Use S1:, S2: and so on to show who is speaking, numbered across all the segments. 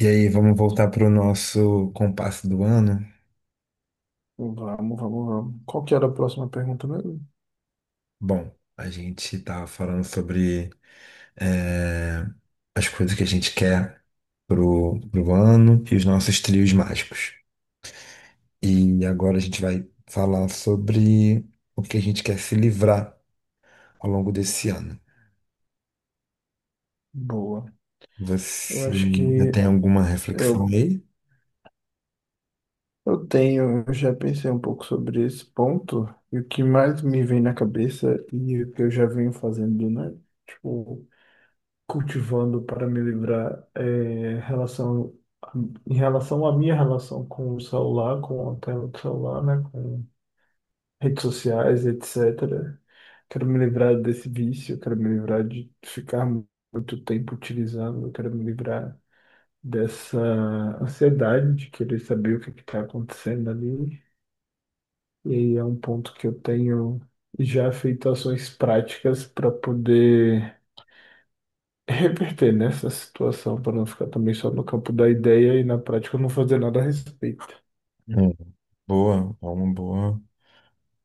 S1: E aí, vamos voltar para o nosso compasso do ano?
S2: Vamos. Qual que era a próxima pergunta mesmo?
S1: Bom, a gente estava falando sobre eh, as coisas que a gente quer pro ano e os nossos trios mágicos. E agora a gente vai falar sobre o que a gente quer se livrar ao longo desse ano.
S2: Boa. Eu
S1: Você
S2: acho
S1: ainda
S2: que
S1: tem alguma reflexão
S2: eu,
S1: aí?
S2: eu tenho, eu já pensei um pouco sobre esse ponto, e o que mais me vem na cabeça e o que eu já venho fazendo, né? Tipo, cultivando para me livrar relação, em relação à minha relação com o celular, com a tela do celular, né? Redes sociais, etc. Quero me livrar desse vício, quero me livrar de ficar muito tempo utilizando, quero me livrar dessa ansiedade de querer saber o que está acontecendo ali. E aí é um ponto que eu tenho já feito ações práticas para poder reverter nessa situação, para não ficar também só no campo da ideia e na prática não fazer nada a respeito.
S1: Hum, boa, é uma boa,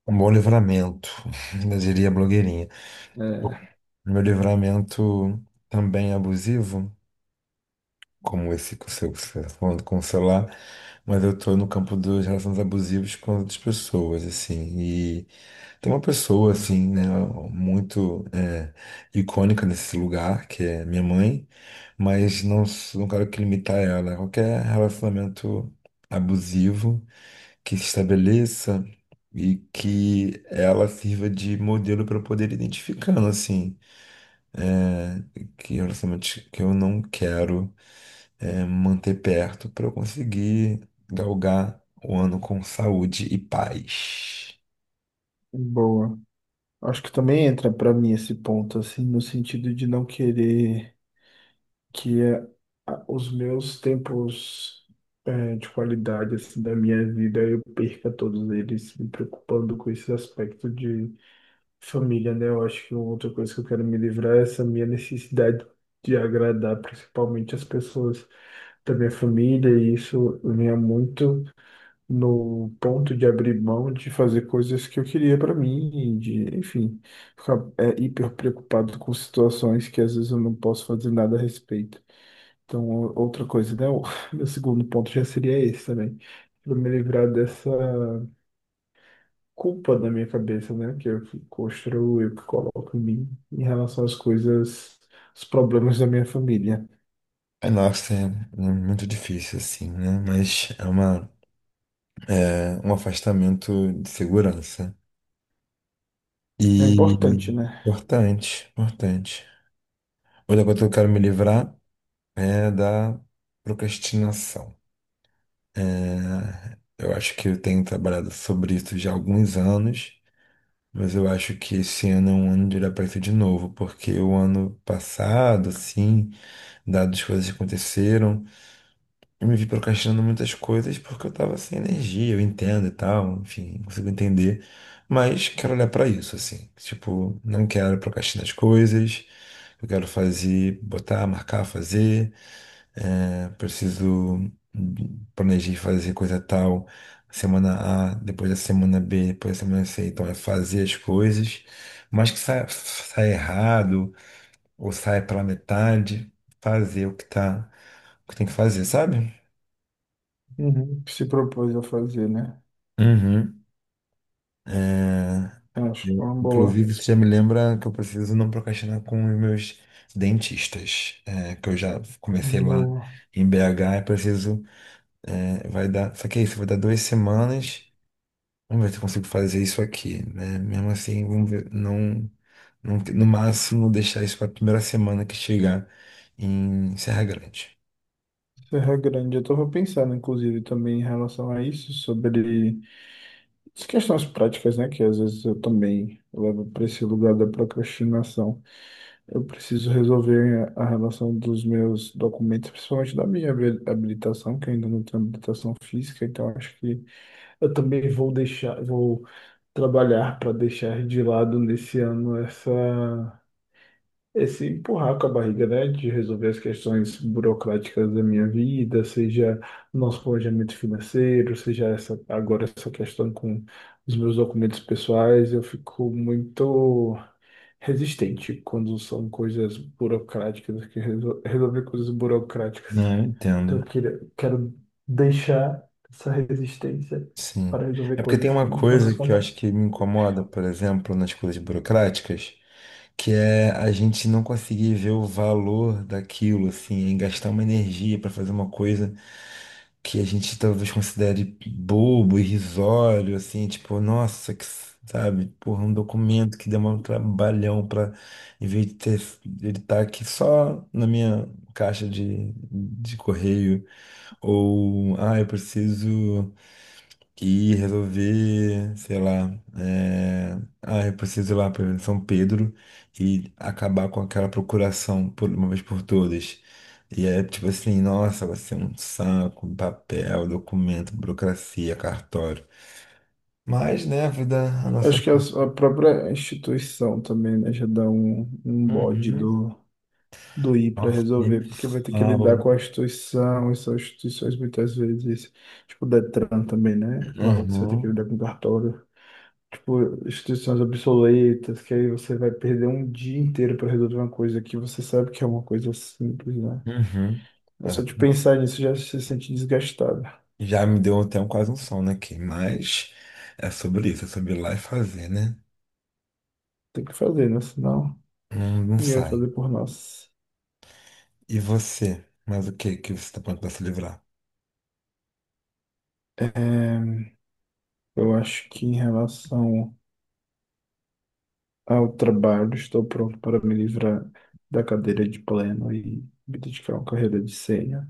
S1: um bom livramento, eu diria a blogueirinha.
S2: É,
S1: Meu livramento também abusivo, como esse que você está falando com o celular, mas eu estou no campo das relações abusivas com outras pessoas, assim. E tem uma pessoa, assim, né, muito icônica nesse lugar, que é minha mãe, mas não, não quero que limitar ela. Qualquer relacionamento abusivo que se estabeleça e que ela sirva de modelo para eu poder ir identificando, assim, que relacionamentos que eu não quero, manter perto para eu conseguir galgar o ano com saúde e paz.
S2: boa. Acho que também entra para mim esse ponto, assim, no sentido de não querer que é os meus tempos de qualidade assim, da minha vida, eu perca todos eles me preocupando com esse aspecto de família, né? Eu acho que outra coisa que eu quero me livrar é essa minha necessidade de agradar principalmente as pessoas da minha família, e isso vinha muito no ponto de abrir mão de fazer coisas que eu queria para mim, e de, enfim, ficar hiper preocupado com situações que às vezes eu não posso fazer nada a respeito. Então, outra coisa, né? O meu segundo ponto já seria esse também. Pra me livrar dessa culpa da minha cabeça, né? Que eu que construo, eu que coloco em mim em relação às coisas, os problemas da minha família.
S1: É, nossa, é muito difícil assim, né? Mas é uma, é um afastamento de segurança.
S2: É
S1: E
S2: importante, né?
S1: importante, importante. Outra coisa que eu quero me livrar é da procrastinação. É, eu acho que eu tenho trabalhado sobre isso já há alguns anos. Mas eu acho que esse ano é um ano de olhar para isso de novo, porque o ano passado, assim, dadas as coisas que aconteceram, eu me vi procrastinando muitas coisas porque eu tava sem energia, eu entendo e tal, enfim, consigo entender. Mas quero olhar para isso, assim. Tipo, não quero procrastinar as coisas, eu quero fazer, botar, marcar, fazer, preciso, planejei fazer coisa tal, semana A, depois da semana B, depois da semana C. Então é fazer as coisas, mas que sai errado ou sai pela metade, fazer o que tá, o que tem que fazer, sabe?
S2: Uhum. Se propôs a fazer, né?
S1: Uhum.
S2: Eu acho que é
S1: Eu,
S2: uma boa,
S1: inclusive, isso já me lembra que eu preciso não procrastinar com os meus dentistas, é, que eu já comecei lá
S2: boa.
S1: em BH. Eu preciso, é, vai dar, só que é isso, vai dar duas semanas. Vamos ver se eu consigo fazer isso aqui, né? Mesmo assim, vamos ver. Não, não, no máximo deixar isso para a primeira semana que chegar em Serra Grande.
S2: Serra Grande, eu tava pensando, inclusive, também em relação a isso, sobre as questões práticas, né? Que às vezes eu também levo para esse lugar da procrastinação. Eu preciso resolver a relação dos meus documentos, principalmente da minha habilitação, que eu ainda não tenho habilitação física, então acho que eu também vou deixar, vou trabalhar para deixar de lado nesse ano essa, esse empurrar com a barriga, né, de resolver as questões burocráticas da minha vida, seja nosso planejamento financeiro, seja essa, agora essa questão com os meus documentos pessoais, eu fico muito resistente quando são coisas burocráticas, que resolver coisas burocráticas.
S1: Não, eu
S2: Então eu
S1: entendo.
S2: queria, quero deixar essa resistência
S1: Sim.
S2: para resolver
S1: É porque tem
S2: coisas que,
S1: uma
S2: no final
S1: coisa
S2: das
S1: que eu acho
S2: contas,
S1: que me incomoda, por exemplo, nas coisas burocráticas, que é a gente não conseguir ver o valor daquilo, assim, em gastar uma energia para fazer uma coisa que a gente talvez considere bobo, irrisório, assim, tipo, nossa, que, sabe, porra, um documento que demora um trabalhão pra, em vez de ter, ele tá aqui só na minha caixa de correio, ou, ah, eu preciso. E resolver, sei lá, é... ah, eu preciso ir lá para São Pedro e acabar com aquela procuração por uma vez por todas. E é tipo assim, nossa, vai ser um saco, um papel, documento, burocracia, cartório. Mas, né, a vida, a nossa.
S2: acho que a, a própria instituição também, né, já dá um, um bode
S1: Uhum.
S2: do, do ir para
S1: Nossa, nem
S2: resolver,
S1: me
S2: porque vai ter que lidar
S1: fala.
S2: com a instituição, e são instituições muitas vezes, tipo o Detran também, né? Lá você vai ter que
S1: Uhum.
S2: lidar com cartório. Tipo, instituições obsoletas, que aí você vai perder um dia inteiro para resolver uma coisa que você sabe que é uma coisa simples, né?
S1: Uhum.
S2: É
S1: É.
S2: só de pensar nisso já se sente desgastado.
S1: Já me deu até um, quase um sono aqui, mas é sobre isso, é sobre ir lá e fazer, né?
S2: Tem que fazer, né? Senão
S1: Não, não
S2: ninguém vai
S1: sai.
S2: fazer por nós.
S1: E você? Mas o que que você tá pronto pra se livrar?
S2: Eu acho que em relação ao trabalho, estou pronto para me livrar da cadeira de pleno e me dedicar a uma carreira de sênior.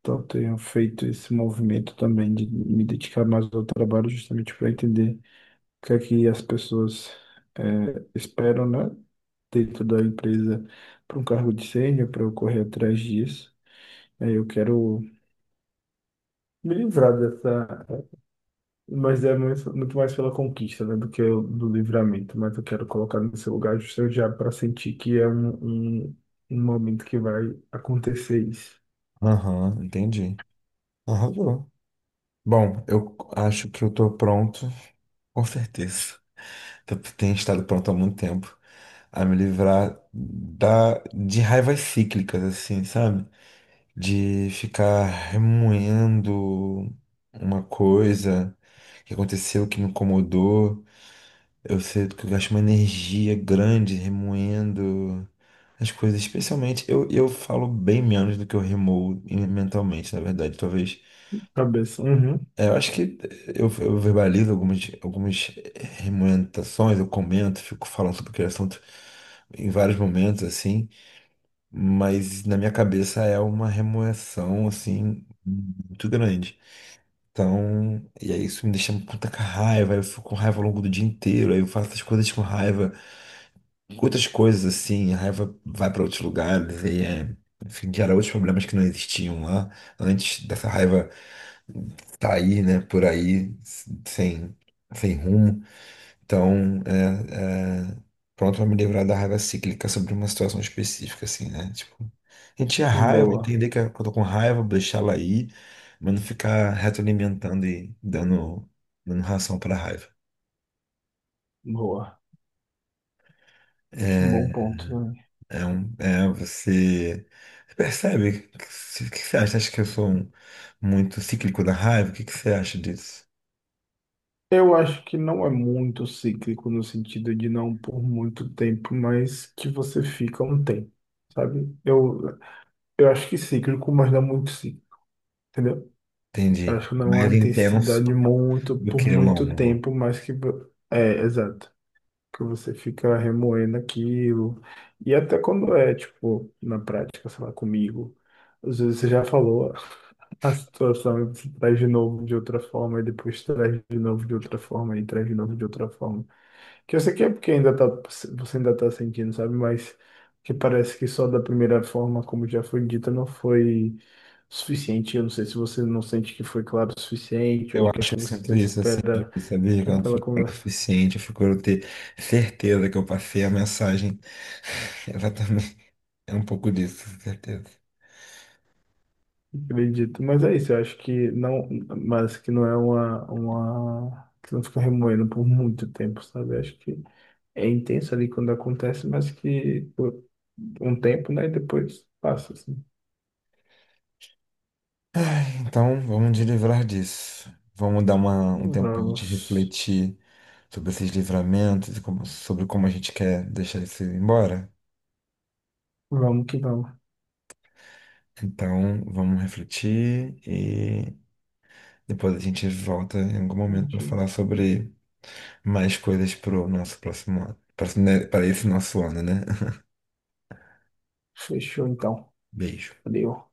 S2: Então, tenho feito esse movimento também de me dedicar mais ao trabalho justamente para entender o que é que as pessoas esperam, né, dentro da empresa para um cargo de sênior, para eu correr atrás disso. Eu quero me livrar dessa, mas é muito, muito mais pela conquista, né, do que do livramento, mas eu quero colocar no seu lugar justamente já para sentir que é um, um, um momento que vai acontecer isso.
S1: Aham, entendi. Arrasou. Bom, eu acho que eu tô pronto, com certeza. Eu tenho estado pronto há muito tempo a me livrar da, de raivas cíclicas, assim, sabe? De ficar remoendo uma coisa que aconteceu, que me incomodou. Eu sinto que eu gasto uma energia grande remoendo as coisas, especialmente eu falo bem menos do que eu remoo mentalmente, na verdade. Talvez.
S2: Cabeça, uhum.
S1: Eu acho que eu verbalizo algumas remoentações, eu comento, fico falando sobre aquele assunto em vários momentos, assim, mas na minha cabeça é uma remoção, assim, muito grande. Então, e aí isso me deixa com tanta raiva, eu fico com raiva ao longo do dia inteiro, aí eu faço as coisas com raiva. Outras coisas assim, a raiva vai para outros lugares e é, enfim, gera outros problemas que não existiam lá antes dessa raiva sair, né, por aí sem sem rumo. Então, pronto para me livrar da raiva cíclica sobre uma situação específica assim, né? Tipo, a gente é raiva,
S2: Boa,
S1: entender que eu tô com raiva, deixar ela aí, mas não ficar retroalimentando e dando ração para raiva.
S2: boa. Acho um
S1: É.
S2: bom ponto, né?
S1: É um, é, você percebe? O que, você, o que você acha? Acha que eu sou um- muito cíclico da raiva? O que, que você acha disso?
S2: Eu acho que não é muito cíclico no sentido de não por muito tempo, mas que você fica um tempo, sabe? Eu acho que cíclico, mas não muito cíclico, entendeu? Eu
S1: Entendi.
S2: acho que não é
S1: Mais
S2: uma
S1: intenso
S2: intensidade muito
S1: do
S2: por
S1: que
S2: muito
S1: longo.
S2: tempo, mas que é, exato, que você fica remoendo aquilo. E até quando é, tipo, na prática, sei lá, comigo, às vezes você já falou a situação e você traz de novo de outra forma, e depois traz de novo de outra forma, e traz de novo de outra forma. Que eu sei que é porque ainda tá, você ainda tá sentindo, sabe? Mas que parece que só da primeira forma, como já foi dita, não foi suficiente. Eu não sei se você não sente que foi claro o suficiente ou
S1: Eu
S2: o que é
S1: acho que
S2: que
S1: eu
S2: você
S1: sinto isso, assim, de
S2: espera
S1: saber que eu não
S2: daquela
S1: fui claro o
S2: conversa.
S1: suficiente, eu procuro ter certeza que eu passei a mensagem. Exatamente. É um pouco disso, com certeza.
S2: Acredito. Mas é isso, eu acho que não, mas que não é uma, que não fica remoendo por muito tempo, sabe? Eu acho que é intenso ali quando acontece, mas que por um tempo, né? E depois passa, assim.
S1: Então, vamos nos livrar disso. Vamos dar uma, um tempo para a gente
S2: Vamos,
S1: refletir sobre esses livramentos e como- sobre como a gente quer deixar isso ir embora.
S2: vamos que vamos.
S1: Então, vamos refletir e depois a gente volta em algum momento para
S2: Entendi.
S1: falar sobre mais coisas para o nosso próximo ano. Para esse nosso ano, né?
S2: Fechou então.
S1: Beijo.
S2: Valeu.